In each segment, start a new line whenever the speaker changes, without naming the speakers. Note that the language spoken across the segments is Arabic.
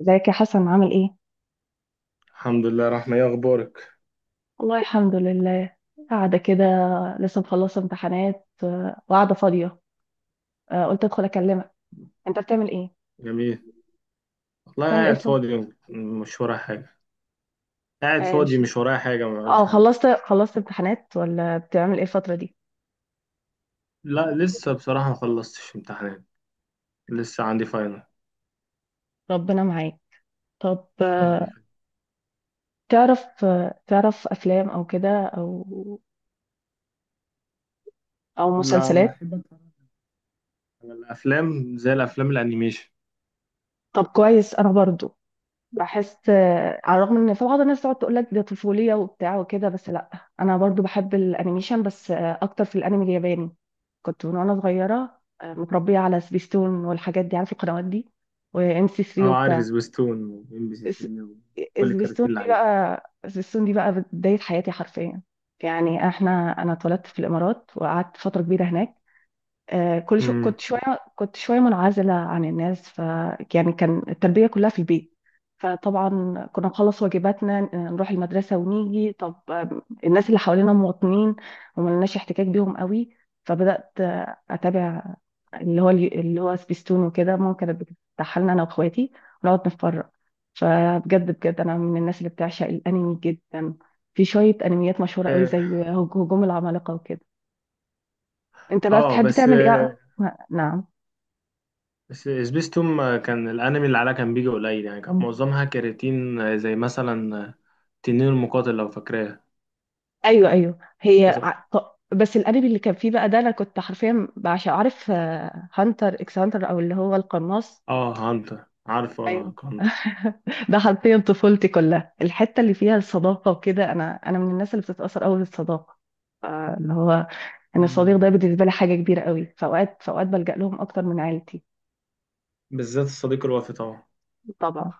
ازيك يا حسن عامل ايه؟
الحمد لله، رحمة. ايه اخبارك؟
والله الحمد لله. قاعدة كده. لسه مخلصة امتحانات، وقاعدة فاضية. قلت ادخل اكلمك. انت بتعمل ايه؟
جميل. والله
بتعمل ايه الصبح؟
مش ورايا حاجة قاعد
اه
فاضي
الش-
مش ورايا حاجة ما بعملش حاجة.
خلصت امتحانات، ولا بتعمل ايه الفترة دي؟
لا، لسه بصراحة ما خلصتش امتحانات، لسه عندي فاينل.
ربنا معاك. طب تعرف افلام او كده، او
لا،
مسلسلات؟
بحب اتفرج على الافلام، زي الافلام الانيميشن.
طب كويس. انا برضو بحس، على الرغم ان في بعض الناس تقعد تقول لك ده طفوليه وبتاع وكده، بس لا، انا برضو بحب الانيميشن، بس اكتر في الانمي الياباني. كنت من وانا صغيره، متربيه على سبيستون والحاجات دي، عارفه القنوات دي، وام سي 3
اه، عارف
وبتاع.
سبيستون وام بي سي
اس-
3 وكل
سبيستون
الكارتين اللي
دي
عليها.
بقى سبيستون دي بقى بدايه حياتي حرفيا. يعني انا اتولدت في الامارات وقعدت فتره كبيره هناك. كل شو
امم
كنت شوية منعزلة عن الناس، يعني كان التربية كلها في البيت. فطبعا كنا نخلص واجباتنا، نروح المدرسة ونيجي. طب الناس اللي حوالينا مواطنين، وما لناش احتكاك بيهم قوي. فبدأت أتابع اللي هو سبيستون وكده. ماما كانت بتفتحها لنا أنا وأخواتي ونقعد نتفرج. فبجد بجد أنا من الناس اللي بتعشق الأنمي جدا. في شوية أنميات مشهورة قوي
اه.
زي هجوم العمالقة وكده. أنت بقى
آه،
بتحب
بس
تعمل إيه؟
آه،
نعم؟
بس سبيستون كان الانمي اللي عليها كان بيجي قليل، يعني كان معظمها كراتين، زي مثلا، تنين المقاتل لو فاكراها.
ايوه ايوه هي
بس
بس الانمي اللي كان فيه بقى ده انا كنت حرفيا، عشان عارف، هانتر اكس هانتر، او اللي هو القناص.
اه، هانتر، عارف؟
ايوه
ارهق هانتر.
ده حرفيا طفولتي كلها. الحته اللي فيها الصداقه وكده، انا من الناس اللي بتتاثر قوي بالصداقه. آه، اللي هو ان الصديق
مم.
ده بالنسبه لي حاجه كبيره قوي. فاوقات بلجأ لهم اكتر من عيلتي.
بالذات الصديق الوفي طبعا.
طبعا.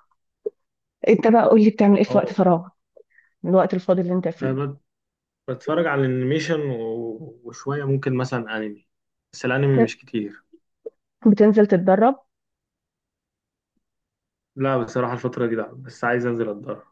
انت بقى قول لي بتعمل ايه في وقت
اه،
فراغك، من الوقت الفاضي اللي انت فيه.
انا بت- بتفرج على الانيميشن وشويه ممكن مثلا انمي، بس الانمي
بت-
مش كتير.
بتنزل تتدرب؟
لا بصراحه الفتره دي لا، بس عايز انزل اتدرب.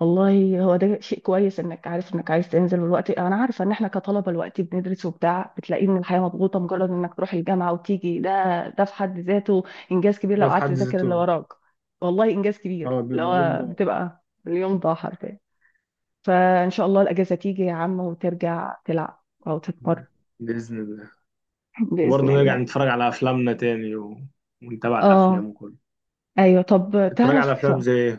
والله هو ده شيء كويس انك عارف انك عايز تنزل. والوقت، انا عارفه ان احنا كطلبه الوقت بندرس وبتاع، بتلاقي ان الحياه مضغوطه، مجرد انك تروح الجامعه وتيجي ده، ده في حد ذاته انجاز كبير. لو
ده في
قعدت
حد
تذاكر اللي
ذاته.
وراك، والله انجاز كبير.
اه،
اللي
بيبقى اليوم
هو
ده.
بتبقى اليوم ضاع حرفيا. فان شاء الله الاجازه تيجي يا عم وترجع تلعب او تتمرن.
مم. باذن الله.
باذن
وبرضه نرجع
الله.
نتفرج على افلامنا تاني ونتابع الافلام
اه.
وكله.
ايوه طب
تتفرج على
تعرف،
افلام زي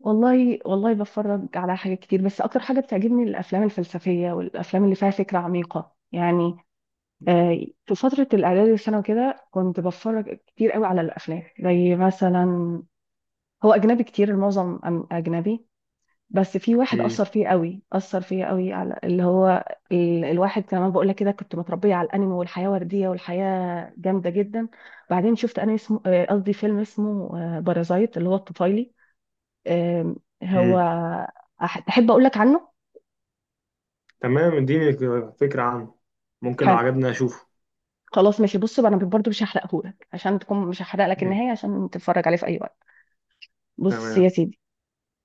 والله والله بتفرج على حاجات كتير، بس اكتر حاجه بتعجبني الافلام الفلسفيه والافلام اللي فيها فكره عميقه يعني. في فترة الإعدادي والثانوي كده كنت بتفرج كتير قوي على الأفلام زي مثلا، هو أجنبي كتير، المعظم أجنبي. بس في
ايه؟
واحد أثر
مم.
فيه قوي أثر فيه قوي على الواحد كمان، بقول لك كده كنت متربية على الأنمي والحياة وردية والحياة جامدة جدا. بعدين شفت أنمي اسمه، قصدي فيلم اسمه بارازايت، اللي هو الطفيلي. آم، هو
مم.
تحب أقول لك عنه؟
تمام، اديني فكره عنه، ممكن لو
حلو،
عجبني اشوفه.
خلاص ماشي. بص بقى، انا برضه مش هحرقهولك، عشان تكون مش هحرق لك
مم.
النهايه، عشان تتفرج عليه في اي وقت. بص يا
تمام.
سيدي،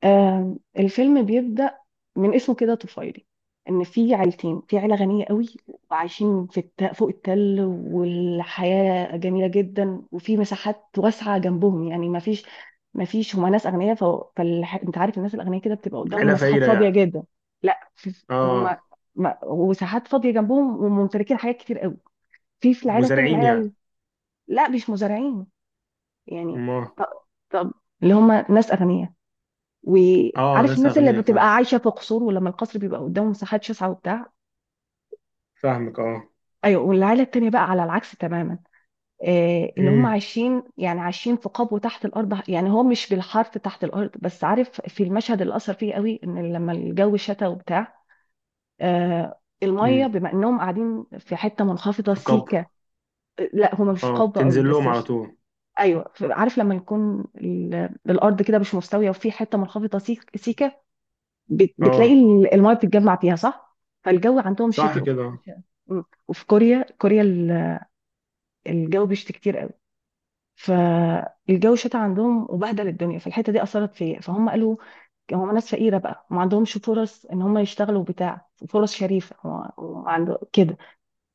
الفيلم بيبدأ من اسمه كده، طفيلي. ان في عيلتين، في عيله غنيه قوي وعايشين في فوق التل، والحياه جميله جدا، وفي مساحات واسعه جنبهم، يعني ما فيش هما ناس اغنياء. انت عارف الناس الاغنياء كده بتبقى قدامهم
عيله
مساحات
فقيره
فاضيه
يعني؟
جدا. لا
اه.
هما ما... وساحات فاضيه جنبهم وممتلكين حاجات كتير قوي. في العيله التانيه،
مزارعين يعني؟
لا مش مزارعين، يعني
ما.
طب، طب، اللي هما ناس اغنياء،
اه،
وعارف
ناس
الناس اللي
اغنياء، فاهم،
بتبقى عايشه في قصور، ولما القصر بيبقى قدامه مساحات شاسعه وبتاع.
فاهمك، اه.
ايوه والعيله التانيه بقى على العكس تماما، اللي هم
امم.
عايشين في قبو تحت الارض. يعني هو مش بالحرف تحت الارض، بس عارف في المشهد اللي اثر فيه قوي، ان لما الجو شتا وبتاع، الميه
امم.
بما انهم قاعدين في حته منخفضه
في كابو.
سيكه. لا هم مش في
اه،
قبو قوي،
بتنزل
بس
لهم على طول.
ايوه، عارف لما يكون الارض كده مش مستويه، وفي حته منخفضه سيكه، بتلاقي
اه،
المايه بتتجمع فيها، صح؟ فالجو عندهم
صح
شتي.
كده.
مم. وفي كوريا، كوريا الجو بيشتي كتير قوي. فالجو شتى عندهم وبهدل الدنيا، فالحته دي اثرت فيا. فهم قالوا، هم ناس فقيره بقى وما عندهمش فرص ان هم يشتغلوا بتاع فرص شريفه، هو عنده كده.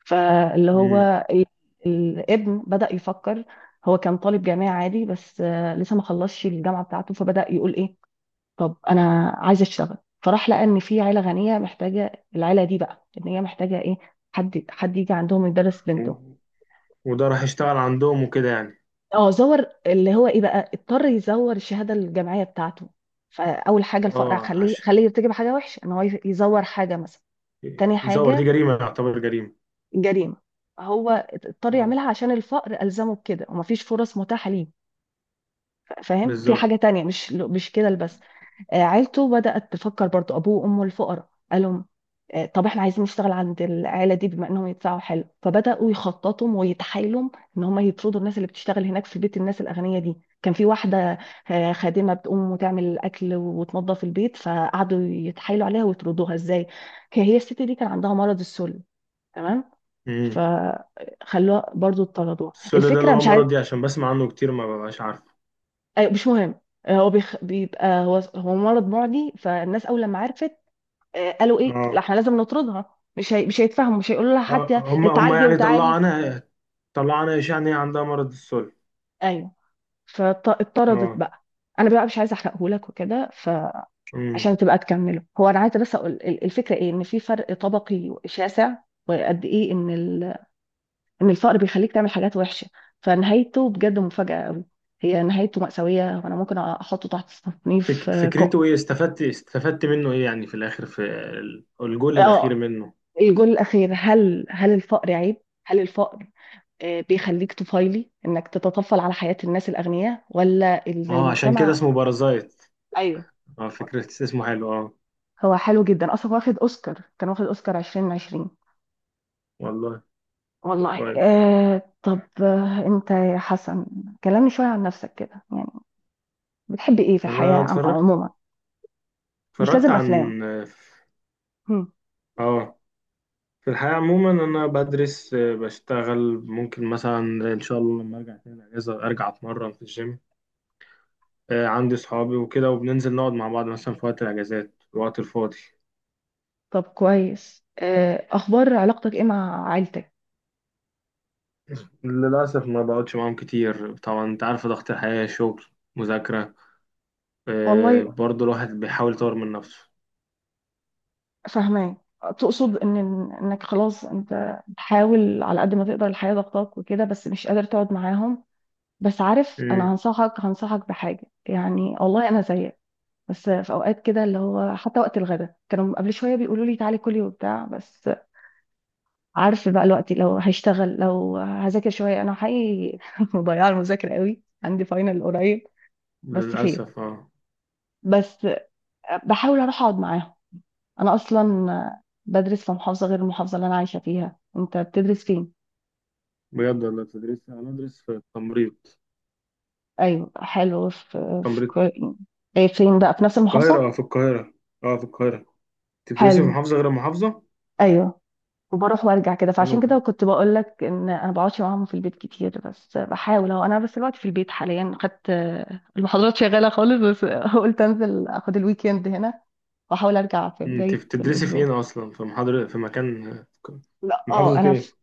فاللي هو
امم.
ال- الابن بدأ يفكر. هو كان طالب جامعي عادي، بس لسه ما خلصش الجامعه بتاعته، فبدأ يقول ايه، طب انا عايزه اشتغل. فراح لقى ان في عيله غنيه محتاجه، العيله دي بقى، ان هي محتاجه ايه؟ حد يجي عندهم يدرس بنته.
و- وده راح يشتغل عندهم وكده يعني.
اه زور، اللي هو ايه بقى، اضطر يزور الشهاده الجامعيه بتاعته. فاول حاجه، الفقر
اه،
خليه
عشان
خليه يرتكب حاجه وحشه، ان هو يزور حاجه مثلا. تاني
يزور، دي
حاجه،
جريمة، يعتبر جريمة.
جريمه. هو اضطر
اه،
يعملها عشان الفقر ألزمه بكده، ومفيش فرص متاحة ليه. فاهم؟ في
بالظبط.
حاجة تانية، مش كده بس. عيلته بدأت تفكر برضو. أبوه وأمه الفقراء قالوا، طب احنا عايزين نشتغل عند العيلة دي بما انهم يدفعوا حلو. فبدأوا يخططوا ويتحايلوا ان هم يطردوا الناس اللي بتشتغل هناك. في بيت الناس الأغنياء دي كان في واحدة، خادمة، بتقوم وتعمل الأكل وتنظف البيت. فقعدوا يتحايلوا عليها ويطردوها. ازاي؟ هي الست دي كان عندها مرض السل. تمام؟
امم.
فخلوها برضو، طردوها.
السولو ده اللي
الفكرة
هو
مش عايز.
مرض، دي عشان بسمع عنه كتير ما ببقاش عارف.
أيوة، مش مهم. هو بيبقى، هو مرض معدي. فالناس اول لما عرفت، قالوا ايه، لا
اه،
احنا لازم نطردها. مش هيتفهموا، مش هيقولوا لها
آه،
حتى
هم هم
اتعالجي
يعني طلعوا
وتعالي.
عنها، طلعوا عنها إشاعة إن هي عندها مرض السل.
ايوه، فاتطردت
اه.
بقى. انا بقى مش عايزه احرقه لك وكده،
امم.
فعشان تبقى تكمله هو. انا عايزه بس اقول الفكره ايه، ان في فرق طبقي شاسع، وقد ايه ان الفقر بيخليك تعمل حاجات وحشه. فنهايته بجد مفاجاه قوي. هي نهايته مأساوية، وأنا ممكن أحطه تحت تصنيف
فكرته ايه؟ استفدت منه ايه يعني في الاخر، في الجول الاخير
اه.
منه؟
الجول الأخير، هل الفقر عيب؟ هل الفقر بيخليك طفيلي انك تتطفل على حياة الناس الاغنياء، ولا ان
اه، عشان كده
المجتمع؟
اسمه بارازايت.
ايوه.
اه، فكرة اسمه حلو، اه.
هو حلو جدا اصلا. واخد اوسكار 2020.
والله.
والله.
كويس.
طب انت يا حسن، كلمني شوية عن نفسك كده يعني. بتحب ايه في الحياة
انا اتفرجت
عموما؟ مش
اتفرجت
لازم افلام.
عن اه،
هم.
آه، في الحياة عموما انا بدرس، بشتغل، ممكن مثلا ان شاء الله لما ارجع تاني الاجازة ارجع اتمرن في الجيم. عندي صحابي وكده، وبننزل نقعد مع بعض مثلا في وقت الاجازات، الوقت الفاضي.
طب كويس. اخبار علاقتك ايه مع عيلتك؟
للأسف ما بقعدش معاهم كتير، طبعا انت عارف ضغط الحياة، شغل، مذاكرة.
والله
برضه الواحد بيحاول يطور من نفسه.
فاهمة. تقصد انك خلاص انت بتحاول على قد ما تقدر، الحياة ضغطاك وكده، بس مش قادر تقعد معاهم. بس عارف، انا
امم.
هنصحك بحاجه يعني، والله انا زيك. بس في اوقات كده، اللي هو حتى وقت الغداء كانوا قبل شويه بيقولوا لي تعالي كلي وبتاع، بس عارف بقى، الوقت لو هشتغل، لو هذاكر شويه، انا حقيقي مضيعه، المذاكره قوي، عندي فاينل قريب. بس خير،
للأسف اه.
بس بحاول اروح اقعد معاهم. انا اصلا بدرس في محافظه غير المحافظه اللي انا عايشه فيها. انت بتدرس فين؟
بجد والله تدريس، أنا أدرس في التمريض.
ايوه حلو.
تمريض.
إيه، فين بقى، في نفس
في
المحافظه؟
القاهرة، اه في القاهرة. اه في القاهرة. أنت بتدرسي في
حلو.
محافظة غير محافظة؟
ايوه، وبروح وارجع كده،
فين
فعشان كده
وفين؟
كنت بقول لك ان انا بقعدش معاهم في البيت كتير. بس بحاول اهو، انا بس دلوقتي في البيت حاليا، خدت المحاضرات شغاله خالص، بس قلت انزل اخد الويكند هنا واحاول ارجع في
مم، أنت
بدايه
بتدرسي في
الاسبوع.
ايه أصلا؟ في محاضرة في مكان،
لا
في
اه،
محافظة
انا في
ايه؟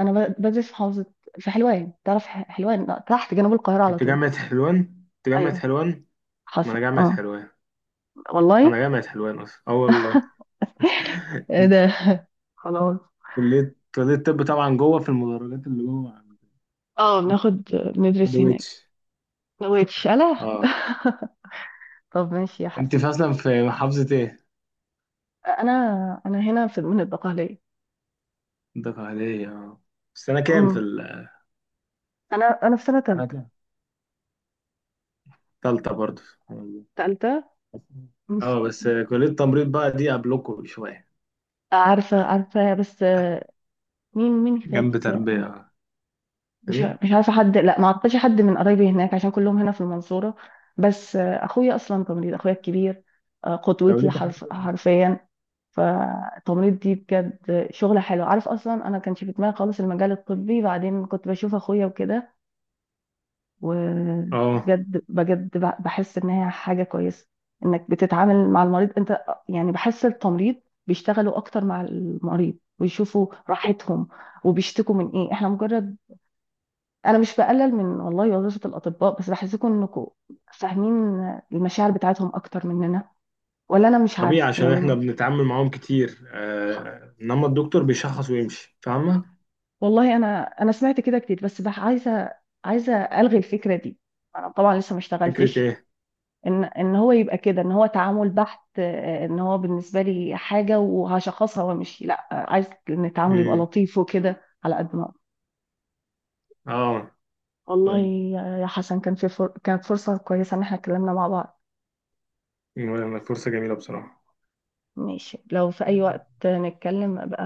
انا ب- بدرس في محافظه، في حلوان. تعرف حلوان؟ تحت، جنوب القاهره على
انت
طول.
جامعة حلوان؟ انت جامعة
ايوه،
حلوان؟ ما انا
حصل،
جامعة
اه
حلوان.
والله.
انا جامعة حلوان اصلا اه والله.
إيه ده خلاص.
كلية، كلية الطب طبعا، جوه في المدرجات اللي جوه عند،
اه،
عند
بندرس هناك.
ويتش.
وتشاله.
اه.
طب ماشي يا
انت
حسن.
في اصلا في محافظة ايه؟
انا هنا في من البقاليه.
ده عادية اه. بس أنا كام في
امم انا في سنه ثالثه.
حاجة. التالتة برضه.
تالتة بس.
اه، بس كلية تمريض بقى دي قبلكم بشوية.
عارفه عارفه، بس مين هناك؟
جنب تربية. م؟
مش عارفه حد، لا، ما اعرفش حد من قرايبي هناك، عشان كلهم هنا في المنصوره. بس اخويا اصلا تمريض، اخويا الكبير،
لو
قدوتي
ليك حد.
حرفيا. فالتمريض دي بجد شغله حلوه. عارف اصلا انا كانش في دماغي خالص المجال الطبي، بعدين كنت بشوف اخويا وكده،
اه،
وبجد بجد بحس ان هي حاجه كويسه، انك بتتعامل مع المريض. انت يعني، بحس التمريض بيشتغلوا اكتر مع المريض ويشوفوا راحتهم، وبيشتكوا من ايه. احنا مجرد، انا مش بقلل من والله وظيفه الاطباء، بس بحسكم انكم فاهمين المشاعر بتاعتهم اكتر مننا. ولا انا مش
طبيعي
عارفه
عشان احنا
يعني.
بنتعامل معاهم كتير، آه انما الدكتور بيشخص ويمشي، فاهمة؟
والله انا سمعت كده كتير، بس عايزه الغي الفكره دي. انا طبعا لسه ما
فكرة
اشتغلتش.
ايه؟
ان هو يبقى كده، ان هو تعامل بحت، ان هو بالنسبه لي حاجه وهشخصها وامشي، لا، عايز ان التعامل يبقى
امم.
لطيف وكده، على قد ما أقدر.
اه.
والله
فاهم.
يا حسن، كان كانت فرصه كويسه ان احنا اتكلمنا مع بعض.
مم، فرصة جميلة بصراحة.
ماشي، لو في اي وقت نتكلم، ابقى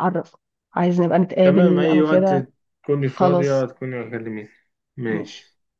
اعرف، عايز نبقى
تمام
نتقابل
اي
او
وقت،
كده.
تكوني فاضية
خلاص
تكوني هتكلميني.
ماشي.
ماشي.